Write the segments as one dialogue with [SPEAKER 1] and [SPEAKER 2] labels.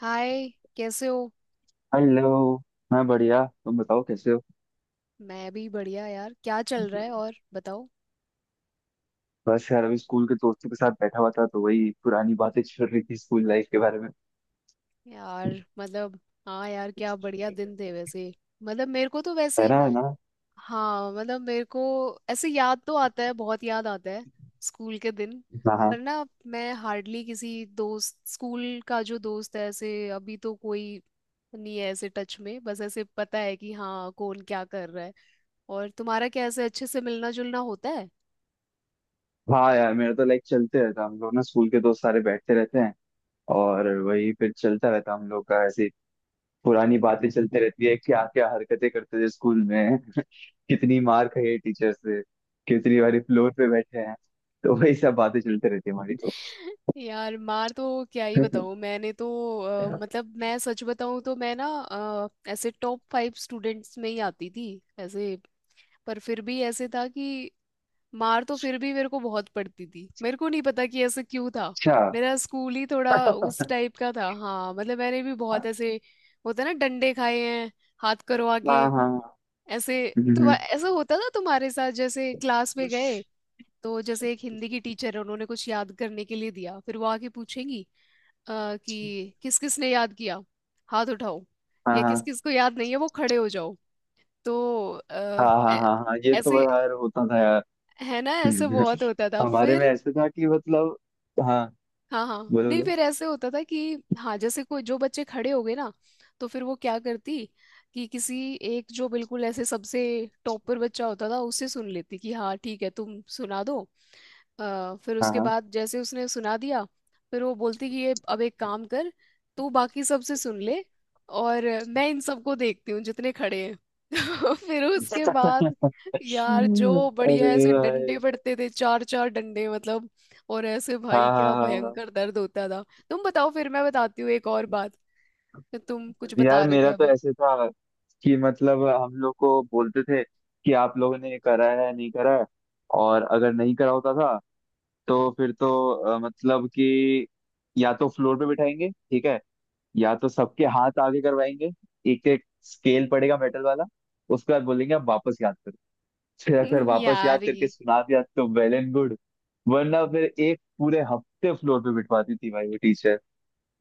[SPEAKER 1] हाय। कैसे हो।
[SPEAKER 2] हेलो। मैं बढ़िया, तुम बताओ कैसे हो।
[SPEAKER 1] मैं भी बढ़िया यार, क्या चल रहा है, और बताओ।
[SPEAKER 2] बस यार अभी स्कूल के दोस्तों के साथ बैठा हुआ था, तो वही पुरानी बातें चल रही थी स्कूल लाइफ के बारे में।
[SPEAKER 1] यार। मतलब। हाँ यार, क्या बढ़िया दिन थे वैसे। मतलब मेरे को तो
[SPEAKER 2] है
[SPEAKER 1] वैसे।
[SPEAKER 2] ना, है ना।
[SPEAKER 1] हाँ मतलब मेरे को, ऐसे याद तो आता है, बहुत याद आता है। स्कूल के दिन।
[SPEAKER 2] हाँ
[SPEAKER 1] पर
[SPEAKER 2] हाँ।
[SPEAKER 1] ना, मैं हार्डली किसी दोस्त, स्कूल का जो दोस्त है ऐसे, अभी तो कोई नहीं है ऐसे टच में। बस ऐसे पता है कि हाँ, कौन क्या कर रहा है। और तुम्हारा क्या, ऐसे अच्छे से मिलना जुलना होता है?
[SPEAKER 2] हाँ यार मेरा तो लाइक चलते रहता, हम लोग ना स्कूल के दोस्त सारे बैठते रहते हैं। और वही फिर चलता रहता हम लोग का ऐसे। पुरानी बातें चलते रहती है, क्या क्या हरकतें करते थे स्कूल में। कितनी मार खाई है टीचर से, कितनी बारी फ्लोर पे बैठे हैं। तो वही सब बातें चलते रहती है हमारी तो।
[SPEAKER 1] यार मार तो, क्या ही बताऊँ, मैंने तो, मतलब मैं सच बताऊँ तो, मैं ना ऐसे टॉप फाइव स्टूडेंट्स में ही आती थी ऐसे। पर फिर भी ऐसे था कि मार तो फिर भी मेरे को बहुत पड़ती थी। मेरे को नहीं पता कि ऐसे क्यों था।
[SPEAKER 2] अच्छा।
[SPEAKER 1] मेरा स्कूल ही थोड़ा उस टाइप का था। हाँ मतलब मैंने भी बहुत
[SPEAKER 2] हाँ
[SPEAKER 1] ऐसे, होता है ना, डंडे खाए हैं। हाथ करो आगे,
[SPEAKER 2] हाँ।
[SPEAKER 1] ऐसे। तुम,
[SPEAKER 2] हम्म।
[SPEAKER 1] ऐसा होता था तुम्हारे साथ जैसे क्लास में गए? तो जैसे एक हिंदी की टीचर है, उन्होंने कुछ याद करने के लिए दिया, फिर वो आके पूछेंगी कि किस किस ने याद किया, हाथ उठाओ।
[SPEAKER 2] हाँ
[SPEAKER 1] या किस
[SPEAKER 2] हाँ
[SPEAKER 1] किस को याद नहीं है वो खड़े हो जाओ। तो
[SPEAKER 2] हाँ
[SPEAKER 1] अ,
[SPEAKER 2] हाँ।
[SPEAKER 1] ऐ-
[SPEAKER 2] हाँ हाँ, ये तो
[SPEAKER 1] ऐसे,
[SPEAKER 2] यार होता था यार।
[SPEAKER 1] है ना, ऐसे
[SPEAKER 2] हम्म।
[SPEAKER 1] बहुत होता था।
[SPEAKER 2] हमारे में
[SPEAKER 1] फिर
[SPEAKER 2] ऐसे था कि मतलब, हाँ।
[SPEAKER 1] हाँ हाँ,
[SPEAKER 2] बोलो
[SPEAKER 1] नहीं,
[SPEAKER 2] बोलो।
[SPEAKER 1] फिर ऐसे होता था कि हाँ, जैसे कोई जो बच्चे खड़े हो गए ना, तो फिर वो क्या करती, कि किसी एक जो बिल्कुल ऐसे सबसे टॉप पर बच्चा होता था, उससे सुन लेती कि हाँ ठीक है, तुम सुना दो। फिर
[SPEAKER 2] हाँ
[SPEAKER 1] उसके
[SPEAKER 2] हाँ।
[SPEAKER 1] बाद जैसे उसने सुना दिया, फिर वो बोलती कि ये अब एक काम कर, तू बाकी सबसे सुन ले और मैं इन सबको देखती हूँ जितने खड़े हैं। फिर उसके बाद, यार जो बढ़िया
[SPEAKER 2] अरे
[SPEAKER 1] ऐसे
[SPEAKER 2] भाई।
[SPEAKER 1] डंडे पड़ते थे, चार चार डंडे मतलब, और ऐसे भाई,
[SPEAKER 2] हाँ हाँ
[SPEAKER 1] क्या
[SPEAKER 2] हाँ हाँ।
[SPEAKER 1] भयंकर दर्द होता था। तुम बताओ, फिर मैं बताती हूँ एक और बात। तुम कुछ बता
[SPEAKER 2] यार
[SPEAKER 1] रहे थे
[SPEAKER 2] मेरा तो
[SPEAKER 1] अभी।
[SPEAKER 2] ऐसे था कि मतलब हम लोग को बोलते थे कि आप लोगों ने करा है नहीं करा है। और अगर नहीं करा होता था तो फिर तो मतलब कि, या तो फ्लोर पे बिठाएंगे ठीक है, या तो सबके हाथ आगे करवाएंगे, एक एक स्केल पड़ेगा मेटल वाला। उसके बाद बोलेंगे अब वापस याद करो। फिर अगर वापस याद
[SPEAKER 1] यार,
[SPEAKER 2] करके सुना दिया तो वेल एंड गुड, वरना फिर एक पूरे हफ्ते फ्लोर पे बिठवाती थी भाई वो टीचर।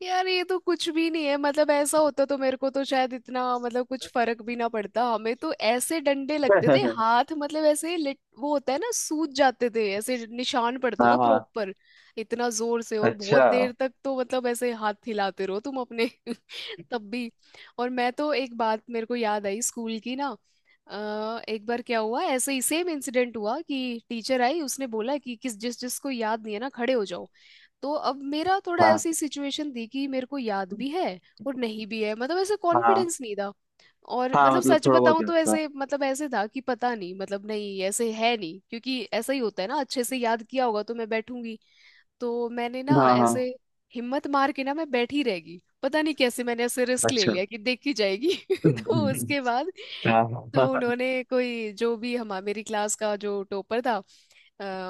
[SPEAKER 1] यार ये तो कुछ भी नहीं है। मतलब ऐसा होता तो मेरे को तो शायद इतना मतलब कुछ फर्क भी ना पड़ता। हमें तो ऐसे डंडे लगते थे हाथ, मतलब ऐसे लिट वो होता है ना, सूज जाते थे, ऐसे निशान पड़ता
[SPEAKER 2] हाँ
[SPEAKER 1] था
[SPEAKER 2] हाँ।
[SPEAKER 1] प्रॉपर। इतना जोर से और
[SPEAKER 2] अच्छा।
[SPEAKER 1] बहुत देर तक, तो मतलब ऐसे हाथ हिलाते रहो तुम अपने। तब भी। और मैं तो एक बात, मेरे को याद आई स्कूल की ना। एक बार क्या हुआ, ऐसे ही सेम इंसिडेंट हुआ कि टीचर आई, उसने बोला कि किस जिस जिसको याद नहीं है ना, खड़े हो जाओ। तो अब मेरा थोड़ा
[SPEAKER 2] हाँ
[SPEAKER 1] ऐसी सिचुएशन थी कि मेरे को याद भी है और नहीं भी है, मतलब ऐसे
[SPEAKER 2] हाँ
[SPEAKER 1] कॉन्फिडेंस नहीं था। और
[SPEAKER 2] हाँ,
[SPEAKER 1] मतलब
[SPEAKER 2] मतलब
[SPEAKER 1] सच
[SPEAKER 2] थोड़ा बहुत
[SPEAKER 1] बताऊं
[SPEAKER 2] याद
[SPEAKER 1] तो
[SPEAKER 2] था।
[SPEAKER 1] ऐसे, मतलब ऐसे था कि पता नहीं, मतलब नहीं ऐसे है नहीं, क्योंकि ऐसा ही होता है ना, अच्छे से याद किया होगा तो मैं बैठूंगी। तो मैंने ना
[SPEAKER 2] हाँ हाँ।
[SPEAKER 1] ऐसे हिम्मत मार के ना, मैं बैठी रहेगी। पता नहीं कैसे मैंने ऐसे रिस्क ले
[SPEAKER 2] अच्छा।
[SPEAKER 1] लिया कि देखी जाएगी। तो उसके बाद,
[SPEAKER 2] हाँ
[SPEAKER 1] तो
[SPEAKER 2] हाँ
[SPEAKER 1] उन्होंने कोई जो भी, हमारी मेरी क्लास का जो टॉपर था,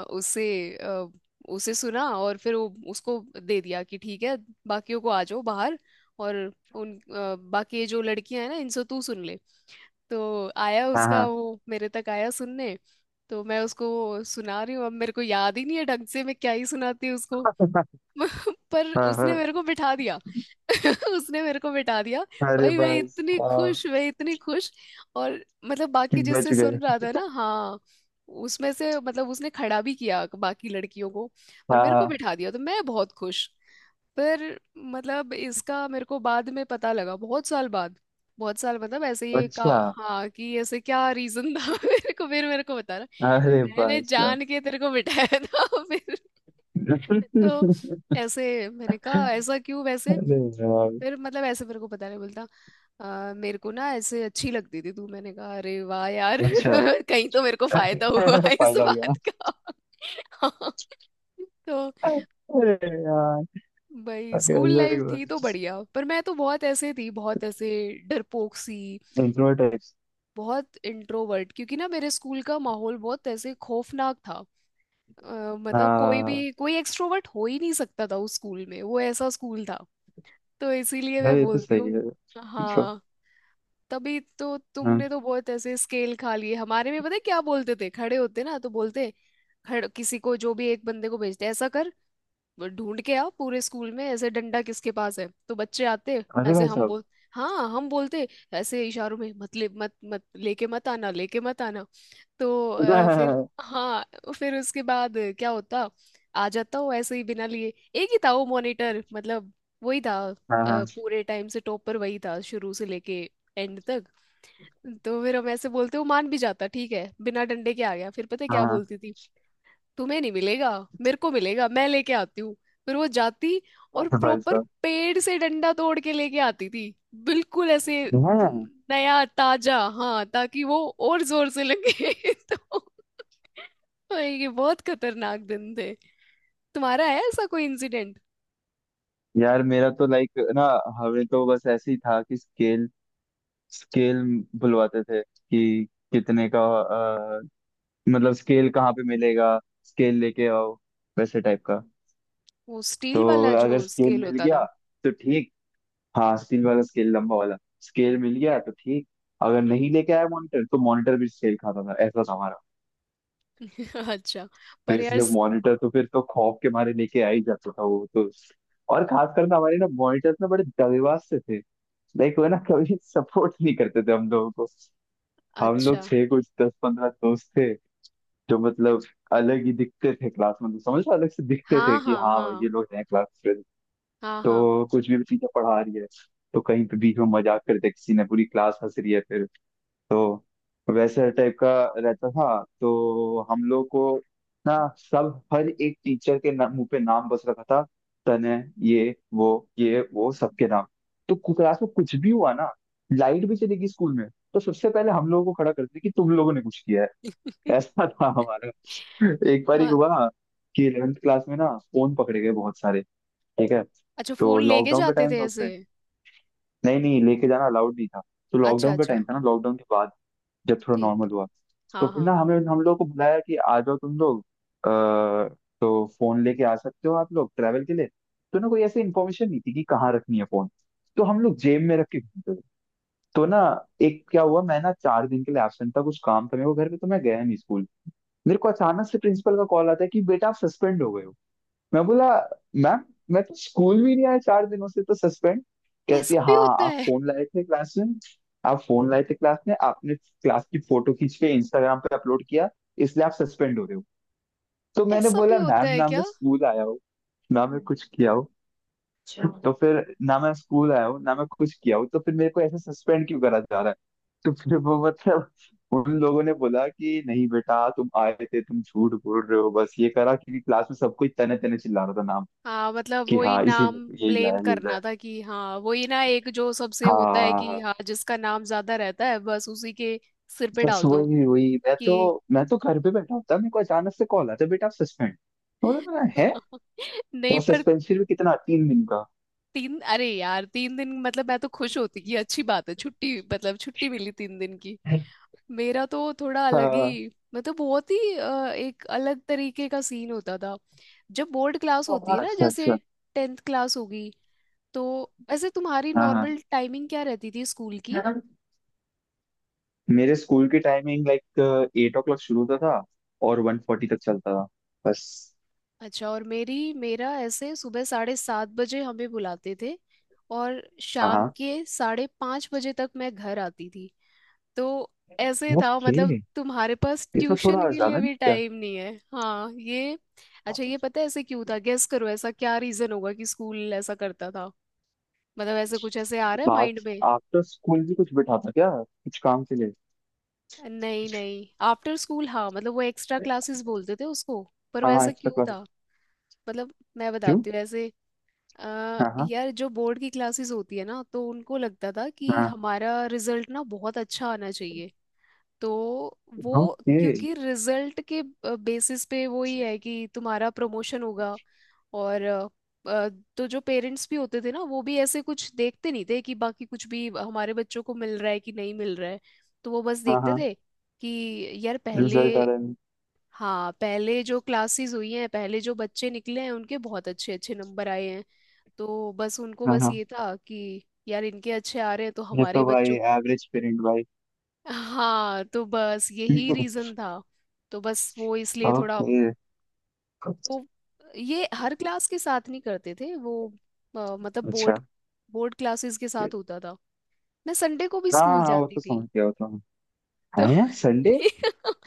[SPEAKER 1] उसे, अ, उसे सुना, और फिर वो उसको दे दिया कि ठीक है, बाकियों को आ जाओ बाहर। और उन बाकी जो लड़कियां हैं ना, इनसे तू सुन ले। तो आया उसका,
[SPEAKER 2] हाँ।
[SPEAKER 1] वो मेरे तक आया सुनने। तो मैं उसको सुना रही हूँ, अब मेरे को याद ही नहीं है ढंग से, मैं क्या ही सुनाती उसको। पर
[SPEAKER 2] हाँ,
[SPEAKER 1] उसने
[SPEAKER 2] हाँ।
[SPEAKER 1] मेरे को बिठा दिया। उसने मेरे को बिठा दिया।
[SPEAKER 2] अरे
[SPEAKER 1] भाई मैं
[SPEAKER 2] भाई
[SPEAKER 1] इतनी
[SPEAKER 2] साहब।
[SPEAKER 1] खुश, मैं इतनी खुश। और मतलब
[SPEAKER 2] कि
[SPEAKER 1] बाकी
[SPEAKER 2] बच
[SPEAKER 1] जिससे
[SPEAKER 2] गए।
[SPEAKER 1] सुन रहा था ना, हाँ, उसमें से मतलब उसने खड़ा भी किया बाकी लड़कियों को, पर
[SPEAKER 2] हाँ
[SPEAKER 1] मेरे को
[SPEAKER 2] हाँ।
[SPEAKER 1] बिठा दिया, तो मैं बहुत खुश। पर, मतलब इसका मेरे को बाद में पता लगा, बहुत साल बाद। बहुत साल, मतलब ऐसे ये का
[SPEAKER 2] अच्छा।
[SPEAKER 1] हाँ कि ऐसे क्या रीजन था। मेरे को, फिर मेरे को बता
[SPEAKER 2] अरे
[SPEAKER 1] रहा, मैंने
[SPEAKER 2] भाई साहब।
[SPEAKER 1] जान के तेरे को बिठाया था। फिर तो ऐसे मैंने कहा, ऐसा क्यों वैसे।
[SPEAKER 2] अरे यार।
[SPEAKER 1] फिर मतलब ऐसे मेरे को, पता नहीं, बोलता मेरे को ना ऐसे अच्छी लगती थी तू।" मैंने कहा अरे वाह यार।
[SPEAKER 2] अच्छा।
[SPEAKER 1] कहीं तो मेरे को फायदा हुआ इस
[SPEAKER 2] फायदा हो गया।
[SPEAKER 1] बात का। हाँ। तो
[SPEAKER 2] अरे यार।
[SPEAKER 1] भाई
[SPEAKER 2] अरे
[SPEAKER 1] स्कूल लाइफ
[SPEAKER 2] अलग।
[SPEAKER 1] थी तो बढ़िया, पर मैं तो बहुत ऐसे थी, बहुत ऐसे डरपोक सी,
[SPEAKER 2] इंट्रोवर्ट।
[SPEAKER 1] बहुत इंट्रोवर्ट, क्योंकि ना मेरे स्कूल का माहौल बहुत ऐसे खौफनाक था। मतलब कोई
[SPEAKER 2] हाँ
[SPEAKER 1] भी कोई एक्सट्रोवर्ट हो ही नहीं सकता था उस स्कूल में, वो ऐसा स्कूल था। तो इसीलिए
[SPEAKER 2] यार
[SPEAKER 1] मैं
[SPEAKER 2] ये तो
[SPEAKER 1] बोलती
[SPEAKER 2] सही
[SPEAKER 1] हूँ।
[SPEAKER 2] है। मतलब।
[SPEAKER 1] हाँ, तभी तो
[SPEAKER 2] हाँ।
[SPEAKER 1] तुमने तो बहुत ऐसे स्केल खा लिए। हमारे में पता है क्या बोलते थे, खड़े होते ना तो बोलते, खड़े, किसी को जो भी एक बंदे को भेजते ऐसा कर, वो ढूंढ के आओ पूरे स्कूल में ऐसे, डंडा किसके पास है। तो बच्चे आते,
[SPEAKER 2] अरे
[SPEAKER 1] ऐसे
[SPEAKER 2] भाई
[SPEAKER 1] हम
[SPEAKER 2] साहब।
[SPEAKER 1] बोल, हाँ, हम बोलते ऐसे इशारों में, मत ले, मत मत लेके, मत आना, लेके मत आना। तो फिर हाँ, फिर उसके बाद क्या होता, आ जाता वो ऐसे ही बिना लिए। एक ही था वो मॉनिटर मतलब, वही था।
[SPEAKER 2] हाँ हाँ
[SPEAKER 1] पूरे टाइम से टॉप पर वही था, शुरू से लेके एंड तक। तो फिर हम ऐसे बोलते, वो मान भी जाता, ठीक है बिना डंडे के आ गया। फिर पता है क्या
[SPEAKER 2] हाँ।
[SPEAKER 1] बोलती थी, तुम्हें नहीं मिलेगा, मेरे को मिलेगा, मैं लेके आती हूँ। फिर वो जाती और
[SPEAKER 2] अरे भाई
[SPEAKER 1] प्रॉपर
[SPEAKER 2] साहब।
[SPEAKER 1] पेड़ से डंडा तोड़ के लेके आती थी। बिल्कुल ऐसे
[SPEAKER 2] हाँ
[SPEAKER 1] नया ताजा, हाँ, ताकि वो और जोर से लगे। तो, और ये बहुत खतरनाक दिन थे। तुम्हारा है ऐसा कोई इंसिडेंट?
[SPEAKER 2] यार मेरा तो लाइक ना, हमें तो बस ऐसे ही था कि स्केल स्केल बुलवाते थे कि कितने का मतलब स्केल कहाँ पे मिलेगा, स्केल लेके आओ वैसे टाइप का।
[SPEAKER 1] वो स्टील
[SPEAKER 2] तो
[SPEAKER 1] वाला
[SPEAKER 2] अगर
[SPEAKER 1] जो
[SPEAKER 2] स्केल
[SPEAKER 1] स्केल
[SPEAKER 2] मिल
[SPEAKER 1] होता
[SPEAKER 2] गया
[SPEAKER 1] था।
[SPEAKER 2] तो ठीक। हाँ स्टील वाला स्केल लंबा वाला। स्केल मिल गया तो ठीक, अगर नहीं लेके आया मॉनिटर तो मॉनिटर भी स्केल खाता था, ऐसा था हमारा।
[SPEAKER 1] अच्छा,
[SPEAKER 2] तो
[SPEAKER 1] पर यार
[SPEAKER 2] इसलिए मॉनिटर तो फिर तो खौफ के मारे लेके आ ही जाता था वो तो। और खास कर ना, हमारे ना मॉनिटर्स ना बड़े दगेबाज से थे, लाइक वो ना कभी सपोर्ट नहीं करते थे हम लोगों को। हम लोग
[SPEAKER 1] अच्छा,
[SPEAKER 2] थे कुछ 10-15 दोस्त थे जो मतलब अलग ही दिखते थे क्लास में, तो समझ लो अलग से दिखते थे
[SPEAKER 1] हाँ
[SPEAKER 2] कि
[SPEAKER 1] हाँ
[SPEAKER 2] हाँ भाई
[SPEAKER 1] हाँ
[SPEAKER 2] ये लोग हैं क्लास।
[SPEAKER 1] हाँ हाँ।
[SPEAKER 2] तो कुछ भी चीजें पढ़ा रही है, तो कहीं पे बीच में मजाक कर दिया किसी ने, पूरी क्लास हंस रही है फिर। तो वैसे टाइप का रहता था। तो हम लोग को ना सब हर एक टीचर के ना, मुंह पे नाम बस रखा था, तने, ये वो, ये वो सबके नाम। तो क्लास में कुछ भी हुआ ना, लाइट भी चली गई स्कूल में, तो सबसे पहले हम लोगों को खड़ा करते कि तुम लोगों ने कुछ किया है। ऐसा था हमारा। एक बार ही
[SPEAKER 1] हाँ,
[SPEAKER 2] हुआ कि इलेवेंथ क्लास में ना फोन पकड़े गए बहुत सारे। ठीक है,
[SPEAKER 1] अच्छा,
[SPEAKER 2] तो
[SPEAKER 1] फोन लेके
[SPEAKER 2] लॉकडाउन का
[SPEAKER 1] जाते
[SPEAKER 2] टाइम
[SPEAKER 1] थे
[SPEAKER 2] था उस
[SPEAKER 1] ऐसे?
[SPEAKER 2] टाइम। नहीं नहीं, लेके जाना अलाउड नहीं था। तो
[SPEAKER 1] अच्छा
[SPEAKER 2] लॉकडाउन का
[SPEAKER 1] अच्छा।
[SPEAKER 2] टाइम था ना, लॉकडाउन के बाद जब थोड़ा
[SPEAKER 1] ठीक।
[SPEAKER 2] नॉर्मल हुआ, तो
[SPEAKER 1] हाँ
[SPEAKER 2] फिर
[SPEAKER 1] हाँ।
[SPEAKER 2] ना हमें हम लोग को बुलाया कि आ जाओ तुम लोग, आ, तो फोन लेके आ सकते हो आप लोग ट्रैवल के लिए। तो ना कोई ऐसी इन्फॉर्मेशन नहीं थी कि कहाँ रखनी है फोन, तो हम लोग जेब में रख के घूमते थे। तो ना एक क्या हुआ, मैं ना 4 दिन के लिए एबसेंट था, कुछ काम था मेरे को घर पे, तो मैं गया नहीं स्कूल। मेरे को अचानक से प्रिंसिपल का कॉल आता है कि बेटा आप सस्पेंड हो गए हो। मैं बोला मैम, मैं तो स्कूल भी नहीं आया 4 दिनों से, तो सस्पेंड। कहती है
[SPEAKER 1] ऐसा भी
[SPEAKER 2] हाँ
[SPEAKER 1] होता
[SPEAKER 2] आप
[SPEAKER 1] है?
[SPEAKER 2] फोन लाए थे क्लास में। आप फोन लाए थे क्लास में, आपने क्लास की फोटो खींच के इंस्टाग्राम पे अपलोड किया, इसलिए आप सस्पेंड हो रहे हो। तो मैंने
[SPEAKER 1] ऐसा भी
[SPEAKER 2] बोला
[SPEAKER 1] होता
[SPEAKER 2] मैम,
[SPEAKER 1] है
[SPEAKER 2] ना मैं
[SPEAKER 1] क्या?
[SPEAKER 2] स्कूल आया हूँ ना मैं कुछ किया हूँ। अच्छा तो फिर ना मैं स्कूल आया हूँ ना मैं कुछ किया हूँ, तो फिर मेरे को ऐसे सस्पेंड क्यों करा जा रहा है। तो फिर वो मतलब उन लोगों ने बोला कि नहीं बेटा तुम आए थे तुम झूठ बोल रहे हो, बस ये करा, क्योंकि क्लास में सब कोई तने तने चिल्ला रहा था
[SPEAKER 1] हाँ, मतलब
[SPEAKER 2] कि
[SPEAKER 1] वही
[SPEAKER 2] हाँ इसी
[SPEAKER 1] नाम
[SPEAKER 2] ने, यही
[SPEAKER 1] ब्लेम
[SPEAKER 2] लाया यही
[SPEAKER 1] करना
[SPEAKER 2] लाया।
[SPEAKER 1] था कि हाँ वही ना, एक जो सबसे
[SPEAKER 2] हाँ
[SPEAKER 1] होता है
[SPEAKER 2] हाँ
[SPEAKER 1] कि
[SPEAKER 2] हाँ।
[SPEAKER 1] हाँ जिसका नाम ज्यादा रहता है, बस उसी के सिर पे
[SPEAKER 2] बस
[SPEAKER 1] डाल दो
[SPEAKER 2] वही वही, मैं
[SPEAKER 1] कि।
[SPEAKER 2] तो मैं तो घर पे बैठा होता, मेरे को अचानक से कॉल आता बेटा आप सस्पेंड। बोला मैं, है।
[SPEAKER 1] नहीं,
[SPEAKER 2] और
[SPEAKER 1] पर
[SPEAKER 2] सस्पेंशन भी कितना, 3 दिन का।
[SPEAKER 1] तीन, अरे यार, 3 दिन, मतलब मैं तो खुश होती कि अच्छी बात है, छुट्टी मतलब, छुट्टी मिली 3 दिन की। मेरा तो थोड़ा अलग
[SPEAKER 2] हाँ।
[SPEAKER 1] ही, मतलब बहुत ही एक अलग तरीके का सीन होता था। जब बोर्ड क्लास होती है ना,
[SPEAKER 2] अच्छा
[SPEAKER 1] जैसे
[SPEAKER 2] अच्छा।
[SPEAKER 1] 10th क्लास होगी, तो ऐसे तुम्हारी
[SPEAKER 2] हाँ
[SPEAKER 1] नॉर्मल टाइमिंग क्या रहती थी स्कूल की?
[SPEAKER 2] हाँ। मेरे स्कूल की timing like eight o'clock शुरू होता था, और 1:40 तक चलता था बस।
[SPEAKER 1] अच्छा। और मेरी मेरा ऐसे सुबह 7:30 बजे हमें बुलाते थे, और
[SPEAKER 2] हाँ
[SPEAKER 1] शाम
[SPEAKER 2] हाँ।
[SPEAKER 1] के 5:30 बजे तक मैं घर आती थी। तो ऐसे था
[SPEAKER 2] ओके।
[SPEAKER 1] मतलब, तुम्हारे पास
[SPEAKER 2] ये तो
[SPEAKER 1] ट्यूशन
[SPEAKER 2] थोड़ा
[SPEAKER 1] के
[SPEAKER 2] ज्यादा
[SPEAKER 1] लिए
[SPEAKER 2] नहीं
[SPEAKER 1] भी
[SPEAKER 2] क्या।
[SPEAKER 1] टाइम नहीं है। हाँ ये, अच्छा, ये पता है ऐसे क्यों था? गेस करो ऐसा क्या रीजन होगा कि स्कूल ऐसा करता था। मतलब ऐसे कुछ ऐसे आ रहा है
[SPEAKER 2] बात
[SPEAKER 1] माइंड में?
[SPEAKER 2] आफ्टर स्कूल भी कुछ बिठाता क्या कुछ काम के
[SPEAKER 1] नहीं नहीं, आफ्टर स्कूल हाँ, मतलब वो एक्स्ट्रा
[SPEAKER 2] लिए।
[SPEAKER 1] क्लासेस बोलते थे उसको। पर
[SPEAKER 2] हाँ हाँ,
[SPEAKER 1] वैसा
[SPEAKER 2] एक्स्ट्रा
[SPEAKER 1] क्यों
[SPEAKER 2] क्लास।
[SPEAKER 1] था? मतलब मैं
[SPEAKER 2] क्यों।
[SPEAKER 1] बताती हूँ ऐसे।
[SPEAKER 2] हाँ हाँ
[SPEAKER 1] यार जो बोर्ड की क्लासेस होती है ना, तो उनको लगता था कि
[SPEAKER 2] हाँ।
[SPEAKER 1] हमारा रिजल्ट ना बहुत अच्छा आना चाहिए। तो वो,
[SPEAKER 2] ओके।
[SPEAKER 1] क्योंकि रिजल्ट के बेसिस पे वो ही है कि तुम्हारा प्रमोशन होगा। और अ, तो जो पेरेंट्स भी होते थे ना, वो भी ऐसे कुछ देखते नहीं थे कि बाकी कुछ भी हमारे बच्चों को मिल रहा है कि नहीं मिल रहा है। तो वो बस
[SPEAKER 2] हाँ
[SPEAKER 1] देखते
[SPEAKER 2] हाँ,
[SPEAKER 1] थे कि यार पहले,
[SPEAKER 2] रिजल्ट आ रहा है।
[SPEAKER 1] हाँ, पहले जो क्लासेस हुई हैं, पहले जो बच्चे निकले हैं, उनके बहुत अच्छे अच्छे नंबर आए हैं। तो बस उनको,
[SPEAKER 2] हाँ
[SPEAKER 1] बस
[SPEAKER 2] हाँ,
[SPEAKER 1] ये था कि यार इनके अच्छे आ रहे हैं तो
[SPEAKER 2] ये
[SPEAKER 1] हमारे
[SPEAKER 2] तो भाई
[SPEAKER 1] बच्चों।
[SPEAKER 2] एवरेज पेरेंट भाई।
[SPEAKER 1] हाँ, तो बस यही रीजन था। तो बस वो इसलिए थोड़ा
[SPEAKER 2] ओके।
[SPEAKER 1] वो, ये हर क्लास के साथ नहीं करते थे वो, मतलब बोर्ड,
[SPEAKER 2] अच्छा।
[SPEAKER 1] बोर्ड क्लासेस के साथ होता था। मैं संडे को भी
[SPEAKER 2] हाँ
[SPEAKER 1] स्कूल
[SPEAKER 2] हाँ वो
[SPEAKER 1] जाती
[SPEAKER 2] तो
[SPEAKER 1] थी।
[SPEAKER 2] समझ गया वो तो हम।
[SPEAKER 1] तो
[SPEAKER 2] हाँ यार संडे।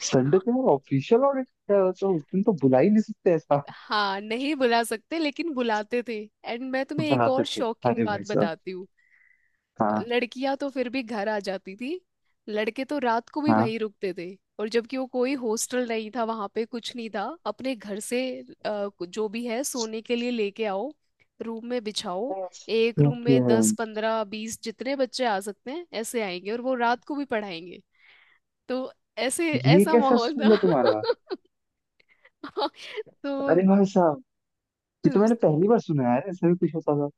[SPEAKER 2] संडे तो यार ऑफिशियल ऑडिट है, वो तो उस दिन तो बुला ही नहीं सकते ऐसा।
[SPEAKER 1] हाँ, नहीं बुला सकते, लेकिन बुलाते थे। एंड मैं तुम्हें एक
[SPEAKER 2] बुलाते
[SPEAKER 1] और
[SPEAKER 2] थे।
[SPEAKER 1] शॉकिंग
[SPEAKER 2] अरे भाई
[SPEAKER 1] बात
[SPEAKER 2] साहब।
[SPEAKER 1] बताती हूँ।
[SPEAKER 2] हाँ
[SPEAKER 1] लड़कियां तो फिर भी घर आ जाती थी, लड़के तो रात को भी
[SPEAKER 2] हाँ।
[SPEAKER 1] वहीं रुकते थे। और जबकि वो कोई हॉस्टल नहीं था, वहां पे कुछ नहीं था, अपने घर से जो भी है सोने के लिए लेके आओ, रूम में बिछाओ। एक रूम
[SPEAKER 2] ओके।
[SPEAKER 1] में 10, 15, 20 जितने बच्चे आ सकते हैं ऐसे आएंगे, और वो रात को भी पढ़ाएंगे। तो ऐसे
[SPEAKER 2] ये
[SPEAKER 1] ऐसा
[SPEAKER 2] कैसा
[SPEAKER 1] माहौल था।
[SPEAKER 2] स्कूल है तुम्हारा।
[SPEAKER 1] तो
[SPEAKER 2] अरे भाई साहब। ये तो मैंने पहली बार सुना है यार, ऐसा भी कुछ होता था।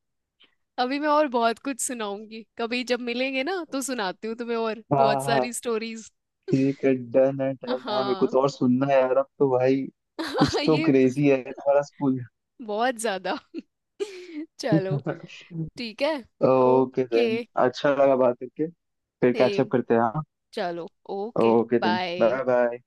[SPEAKER 1] अभी मैं और बहुत कुछ सुनाऊंगी, कभी जब मिलेंगे ना तो सुनाती हूँ तुम्हें और बहुत
[SPEAKER 2] हाँ
[SPEAKER 1] सारी स्टोरीज।
[SPEAKER 2] ठीक है, डन है डन है, मेरे को
[SPEAKER 1] हाँ।
[SPEAKER 2] तो और सुनना है यार अब तो भाई। कुछ तो
[SPEAKER 1] ये।
[SPEAKER 2] क्रेजी है तुम्हारा स्कूल।
[SPEAKER 1] बहुत ज्यादा। चलो, ठीक है।
[SPEAKER 2] Okay
[SPEAKER 1] okay.
[SPEAKER 2] देन, अच्छा लगा बात करके। फिर कैचअप
[SPEAKER 1] सेम।
[SPEAKER 2] करते हैं हाँ।
[SPEAKER 1] चलो। Okay.
[SPEAKER 2] Okay then,
[SPEAKER 1] bye.
[SPEAKER 2] Bye bye.